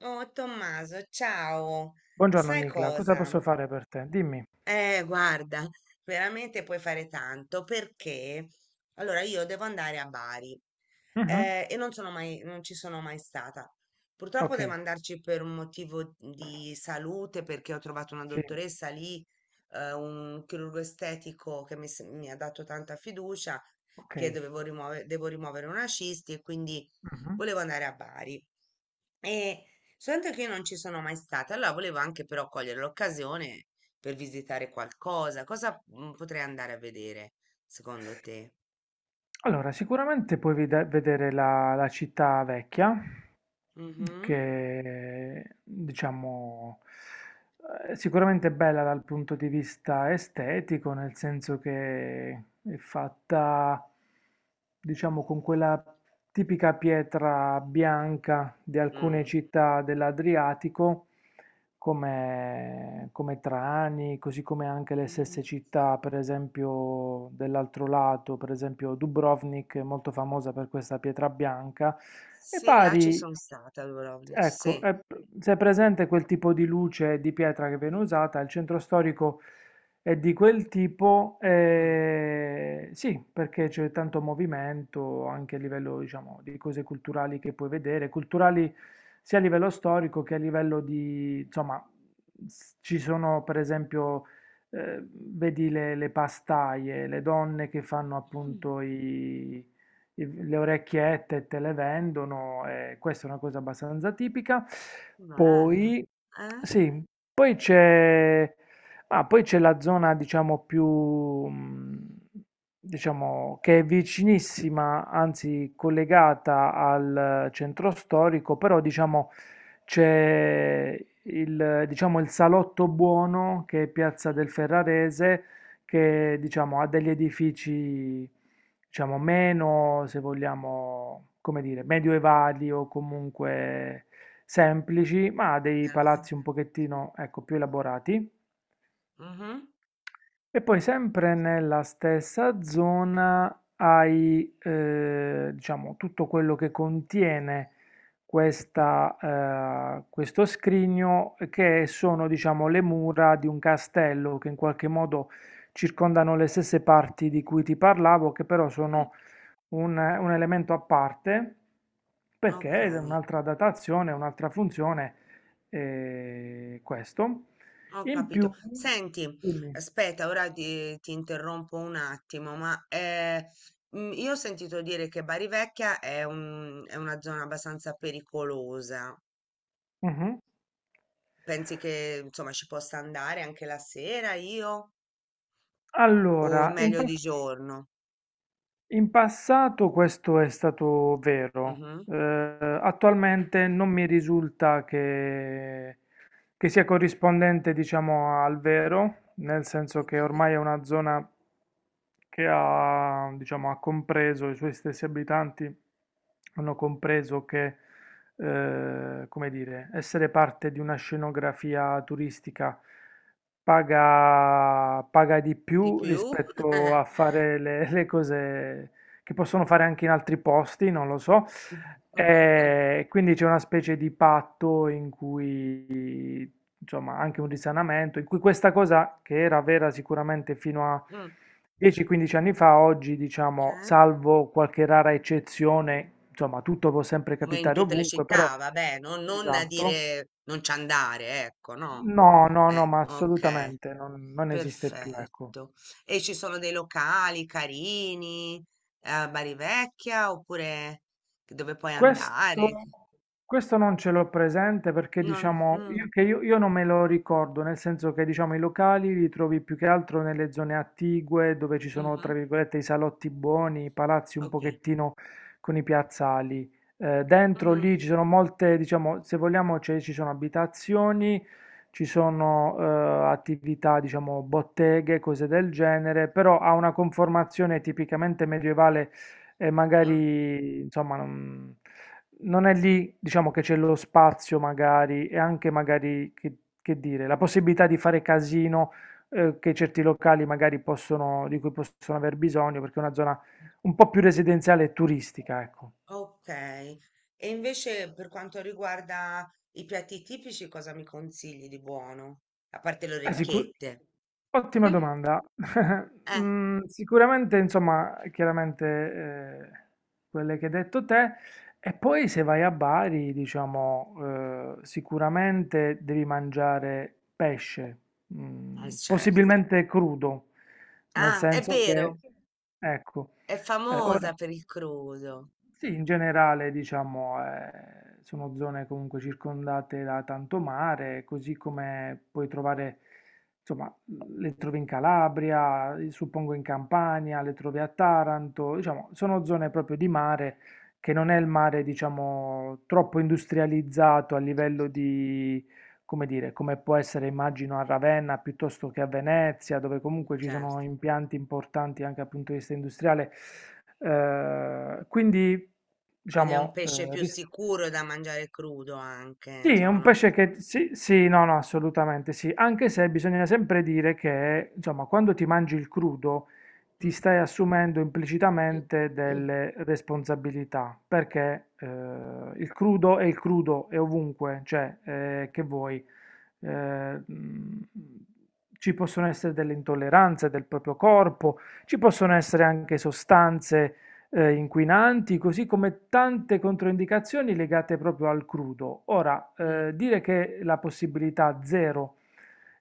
Oh Tommaso, ciao. Buongiorno Sai Nicla, cosa cosa? posso fare per te? Dimmi. Guarda, veramente puoi fare tanto perché allora io devo andare a Bari Mhm. E non ci sono mai stata. Purtroppo Ok, devo andarci per un motivo di salute perché ho trovato una sì, dottoressa lì, un chirurgo estetico che mi ha dato tanta fiducia ok. perché devo rimuovere una cisti e quindi Mhm. volevo andare a Bari. E soltanto che io non ci sono mai stata, allora volevo anche però cogliere l'occasione per visitare qualcosa. Cosa potrei andare a vedere, secondo te? Allora, sicuramente puoi vedere la città vecchia, Mhm. che diciamo sicuramente è bella dal punto di vista estetico, nel senso che è fatta diciamo con quella tipica pietra bianca di alcune Mm. città dell'Adriatico, come Trani, così come anche le stesse Mm. città, per esempio dell'altro lato, per esempio Dubrovnik è molto famosa per questa pietra bianca. E Sì, là ci pari sono stata, a Dubrovnik, Ecco, sì. è se è presente quel tipo di luce di pietra che viene usata, il centro storico è di quel tipo, Mm. Sì, perché c'è tanto movimento anche a livello, diciamo, di cose culturali che puoi vedere, culturali sia a livello storico che a livello di, insomma, ci sono per esempio, vedi le pastaie, le donne che fanno Mm, appunto le orecchiette te le vendono, e questa è una cosa abbastanza tipica. bello. Poi, Eh? sì, poi c'è poi c'è la zona, diciamo, più, diciamo, che è vicinissima, anzi collegata al centro storico, però, diciamo, c'è il Salotto Buono, che è Piazza Mm. del Ferrarese, che, diciamo, ha degli edifici diciamo, meno, se vogliamo, come dire, medioevali o comunque semplici, ma dei Bello. palazzi un pochettino, ecco, più elaborati. Mhm. E poi sempre nella stessa zona hai, diciamo, tutto quello che contiene questa, questo scrigno che sono, diciamo, le mura di un castello che in qualche modo circondano le stesse parti di cui ti parlavo, che però sono un elemento a parte Ok. perché è un'altra datazione, un'altra funzione, questo. Ho In più, capito. Senti, dimmi. aspetta, ora ti interrompo un attimo, ma io ho sentito dire che Bari Vecchia è una zona abbastanza pericolosa. Mh-mh. Pensi che insomma ci possa andare anche la sera io? O è Allora, meglio di giorno? in passato questo è stato vero. Mhm. Attualmente non mi risulta che sia corrispondente, diciamo, al vero, nel senso che Ok. ormai è una zona che ha compreso, i suoi stessi abitanti hanno compreso che, come dire, essere parte di una scenografia turistica paga di Di più più? rispetto a fare le cose che possono fare anche in altri posti, non lo so. E quindi c'è una specie di patto in cui, insomma, anche un risanamento, in cui questa cosa che era vera sicuramente fino a Mm, 10-15 anni fa, oggi, diciamo, cioè? salvo qualche rara eccezione, insomma, tutto può sempre Come in capitare tutte le ovunque, però. città, vabbè, non a Esatto. dire non ci andare, ecco, no? No, no, no, ma Ok. assolutamente non esiste più, ecco. Perfetto. E ci sono dei locali carini a Bari Vecchia oppure dove puoi Questo, andare? questo non ce l'ho presente perché Non... diciamo mm, io non me lo ricordo, nel senso che diciamo i locali li trovi più che altro nelle zone attigue dove ci sono tra mhm, virgolette i salotti buoni, i palazzi un ok. pochettino con i piazzali. Dentro Mm, lì ci sono molte, diciamo, se vogliamo ci sono abitazioni, ci sono attività, diciamo, botteghe, cose del genere, però ha una conformazione tipicamente medievale e mm, magari insomma non è lì, diciamo che c'è lo spazio magari e anche magari che dire, la possibilità di fare casino che certi locali magari di cui possono aver bisogno perché è una zona un po' più residenziale e turistica, ecco. ok. E invece per quanto riguarda i piatti tipici, cosa mi consigli di buono? A parte le Beh, sicu orecchiette. ottima domanda. Eh, Sicuramente insomma, chiaramente, quelle che hai detto te e poi se vai a Bari diciamo, sicuramente devi mangiare pesce, certo. possibilmente crudo, nel Ah, è senso che vero, ecco, è ora famosa per il crudo. sì, in generale, diciamo, sono zone comunque circondate da tanto mare, così come puoi trovare, insomma, le trovi in Calabria, suppongo in Campania, le trovi a Taranto, diciamo, sono zone proprio di mare che non è il mare, diciamo, troppo industrializzato a livello di come dire, come può essere immagino a Ravenna piuttosto che a Venezia, dove Beh, comunque ci sono certo. impianti importanti anche dal punto di vista industriale. Quindi, Quindi è un diciamo, pesce più sicuro da mangiare crudo anche, sì, è insomma, un non... pesce che sì, sì, no, no, assolutamente sì, anche se bisogna sempre dire che, insomma, quando ti mangi il crudo ti Mm? stai assumendo implicitamente Mm, delle responsabilità, perché il crudo, è ovunque, cioè, che vuoi eh, mh, ci possono essere delle intolleranze del proprio corpo, ci possono essere anche sostanze inquinanti, così come tante controindicazioni legate proprio al crudo. Ora, mm, dire che la possibilità zero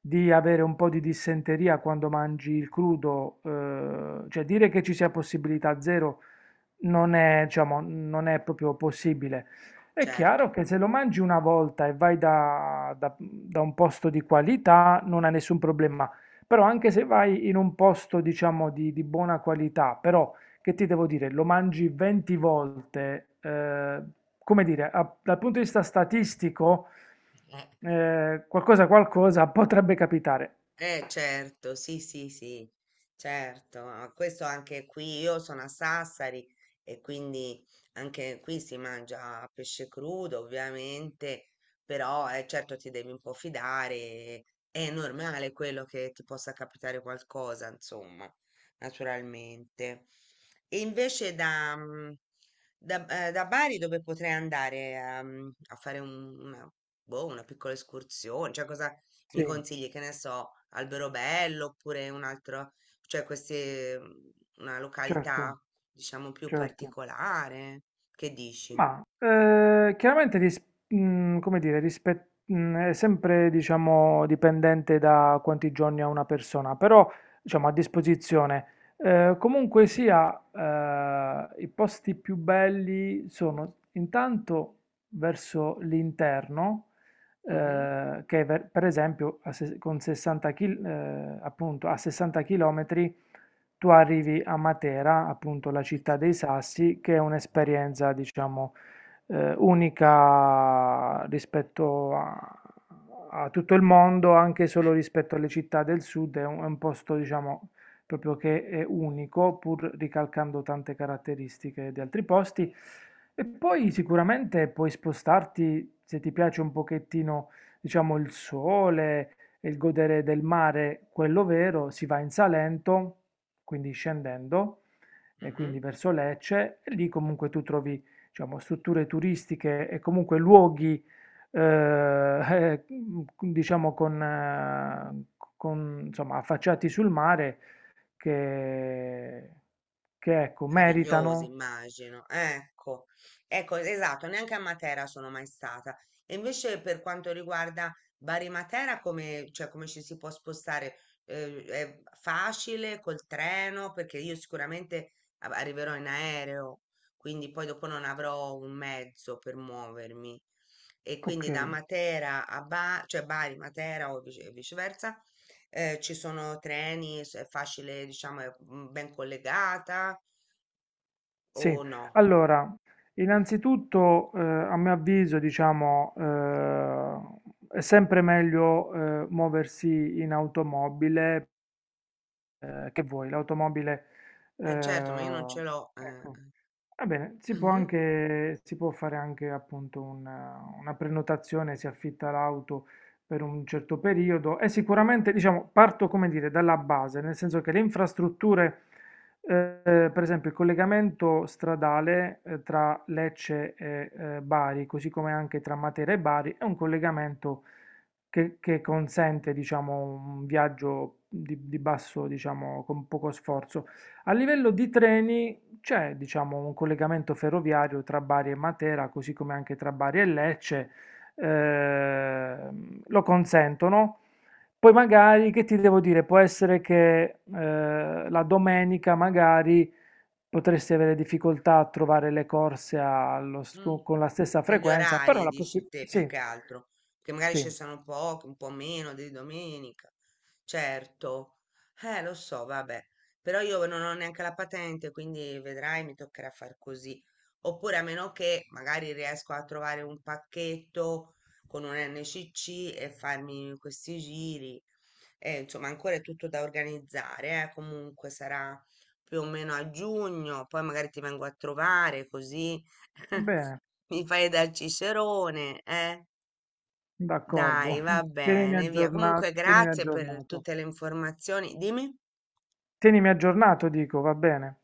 di avere un po' di dissenteria quando mangi il crudo, cioè dire che ci sia possibilità zero non è, diciamo, non è proprio possibile. È certo. chiaro che se lo mangi una volta e vai da un posto di qualità non ha nessun problema, però anche se vai in un posto, diciamo, di buona qualità, però che ti devo dire, lo mangi 20 volte, come dire, dal punto di vista statistico, Eh. Qualcosa, qualcosa potrebbe capitare. Certo, sì, sì, sì, certo. Ah, questo anche qui, io sono a Sassari e quindi anche qui si mangia pesce crudo, ovviamente, però certo ti devi un po' fidare, è normale quello che ti possa capitare qualcosa, insomma, naturalmente. E invece da Bari dove potrei andare fare una, boh, una piccola escursione, cioè cosa mi Sì, consigli, che ne so, Alberobello oppure un altro, cioè una certo, località, diciamo, più certo. particolare? Che dici? Ma chiaramente come dire, è sempre diciamo, dipendente da quanti giorni ha una persona, però diciamo, a disposizione. Comunque sia, i posti più belli sono intanto verso l'interno, Mhm. Per esempio a se- appunto, a 60 km tu arrivi a Matera, appunto la città dei sassi, che è un'esperienza, diciamo, unica rispetto a tutto il mondo, anche Eh, solo rispetto alle città del sud, è un posto, diciamo, proprio che è unico, pur ricalcando tante caratteristiche di altri posti. E poi sicuramente puoi spostarti, se ti piace un pochettino, diciamo, il sole e il godere del mare, quello vero, si va in Salento quindi scendendo, e quindi mhm. verso Lecce, e lì comunque tu trovi, diciamo, strutture turistiche e comunque luoghi, eh, eh, diciamo, con, insomma, affacciati sul mare che, che ecco, Meraviglioso, meritano. immagino. Ecco, ecco, esatto, neanche a Matera sono mai stata. E invece per quanto riguarda Bari Matera, come, cioè, come ci si può spostare? È facile col treno? Perché io sicuramente arriverò in aereo, quindi poi dopo non avrò un mezzo per muovermi. E Ok, quindi da Matera a Bari, cioè Bari, Matera o viceversa, ci sono treni, è facile, diciamo, è ben collegata. sì. Oh no, Allora, innanzitutto, a mio avviso, diciamo, è sempre meglio muoversi in automobile che vuoi, l'automobile, eh, eh certo, ma io non ce l'ho. Eh. ecco. Va bene, si può fare anche appunto una prenotazione, si affitta l'auto per un certo periodo e sicuramente, diciamo, parto, come dire, dalla base, nel senso che le infrastrutture, per esempio il collegamento stradale, tra Lecce e Bari, così come anche tra Matera e Bari, è un collegamento che consente, diciamo, un viaggio di basso, diciamo, con poco sforzo. A livello di treni c'è, diciamo, un collegamento ferroviario tra Bari e Matera, così come anche tra Bari e Lecce, lo consentono. Poi magari, che ti devo dire, può essere che la domenica magari potresti avere difficoltà a trovare le corse Mm. Con la stessa Per gli frequenza, però orari, la dici possibilità. te, più Sì, che altro, che magari sì, cessano poco, un po' meno di domenica. Certo, lo so, vabbè, però io non ho neanche la patente, quindi vedrai, mi toccherà far così. Oppure a meno che magari riesco a trovare un pacchetto con un NCC e farmi questi giri. Insomma, ancora è tutto da organizzare, comunque sarà più o meno a giugno, poi magari ti vengo a trovare così. va bene. Mi fai da Cicerone, eh? D'accordo, Dai, va tienimi bene, via. aggiornato, Comunque, tienimi grazie per aggiornato. tutte le informazioni. Dimmi? Tienimi aggiornato, dico, va bene.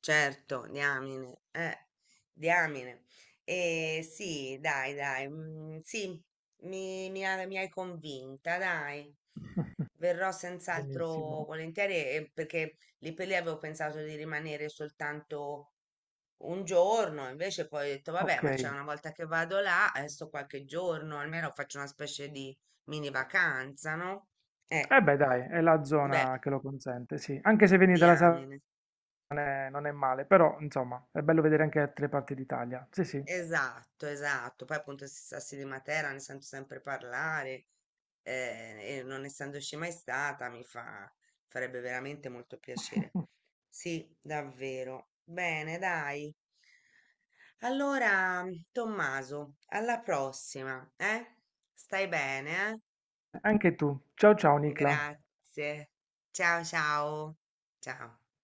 Certo, diamine, diamine. Sì, dai, dai, sì, mi hai convinta, dai. Verrò senz'altro Benissimo, volentieri perché lì per lì avevo pensato di rimanere soltanto un giorno, invece poi ho detto, vabbè, ok. ma c'è Eh una volta che vado là, adesso qualche giorno, almeno faccio una specie di mini vacanza, no? Eh, beh, dai, è la beh, zona che lo consente, sì. Anche se vieni dalla Sardegna diamine. non è male, però, insomma, è bello vedere anche altre parti d'Italia. Sì, sì. Esatto, esatto. Poi appunto si Sassi di Matera ne sento sempre parlare e non essendoci mai stata farebbe veramente molto piacere. Sì, davvero. Bene, dai. Allora, Tommaso, alla prossima, eh? Stai bene, eh? Anche tu. Ciao, ciao, Nicla. Grazie. Ciao ciao. Ciao.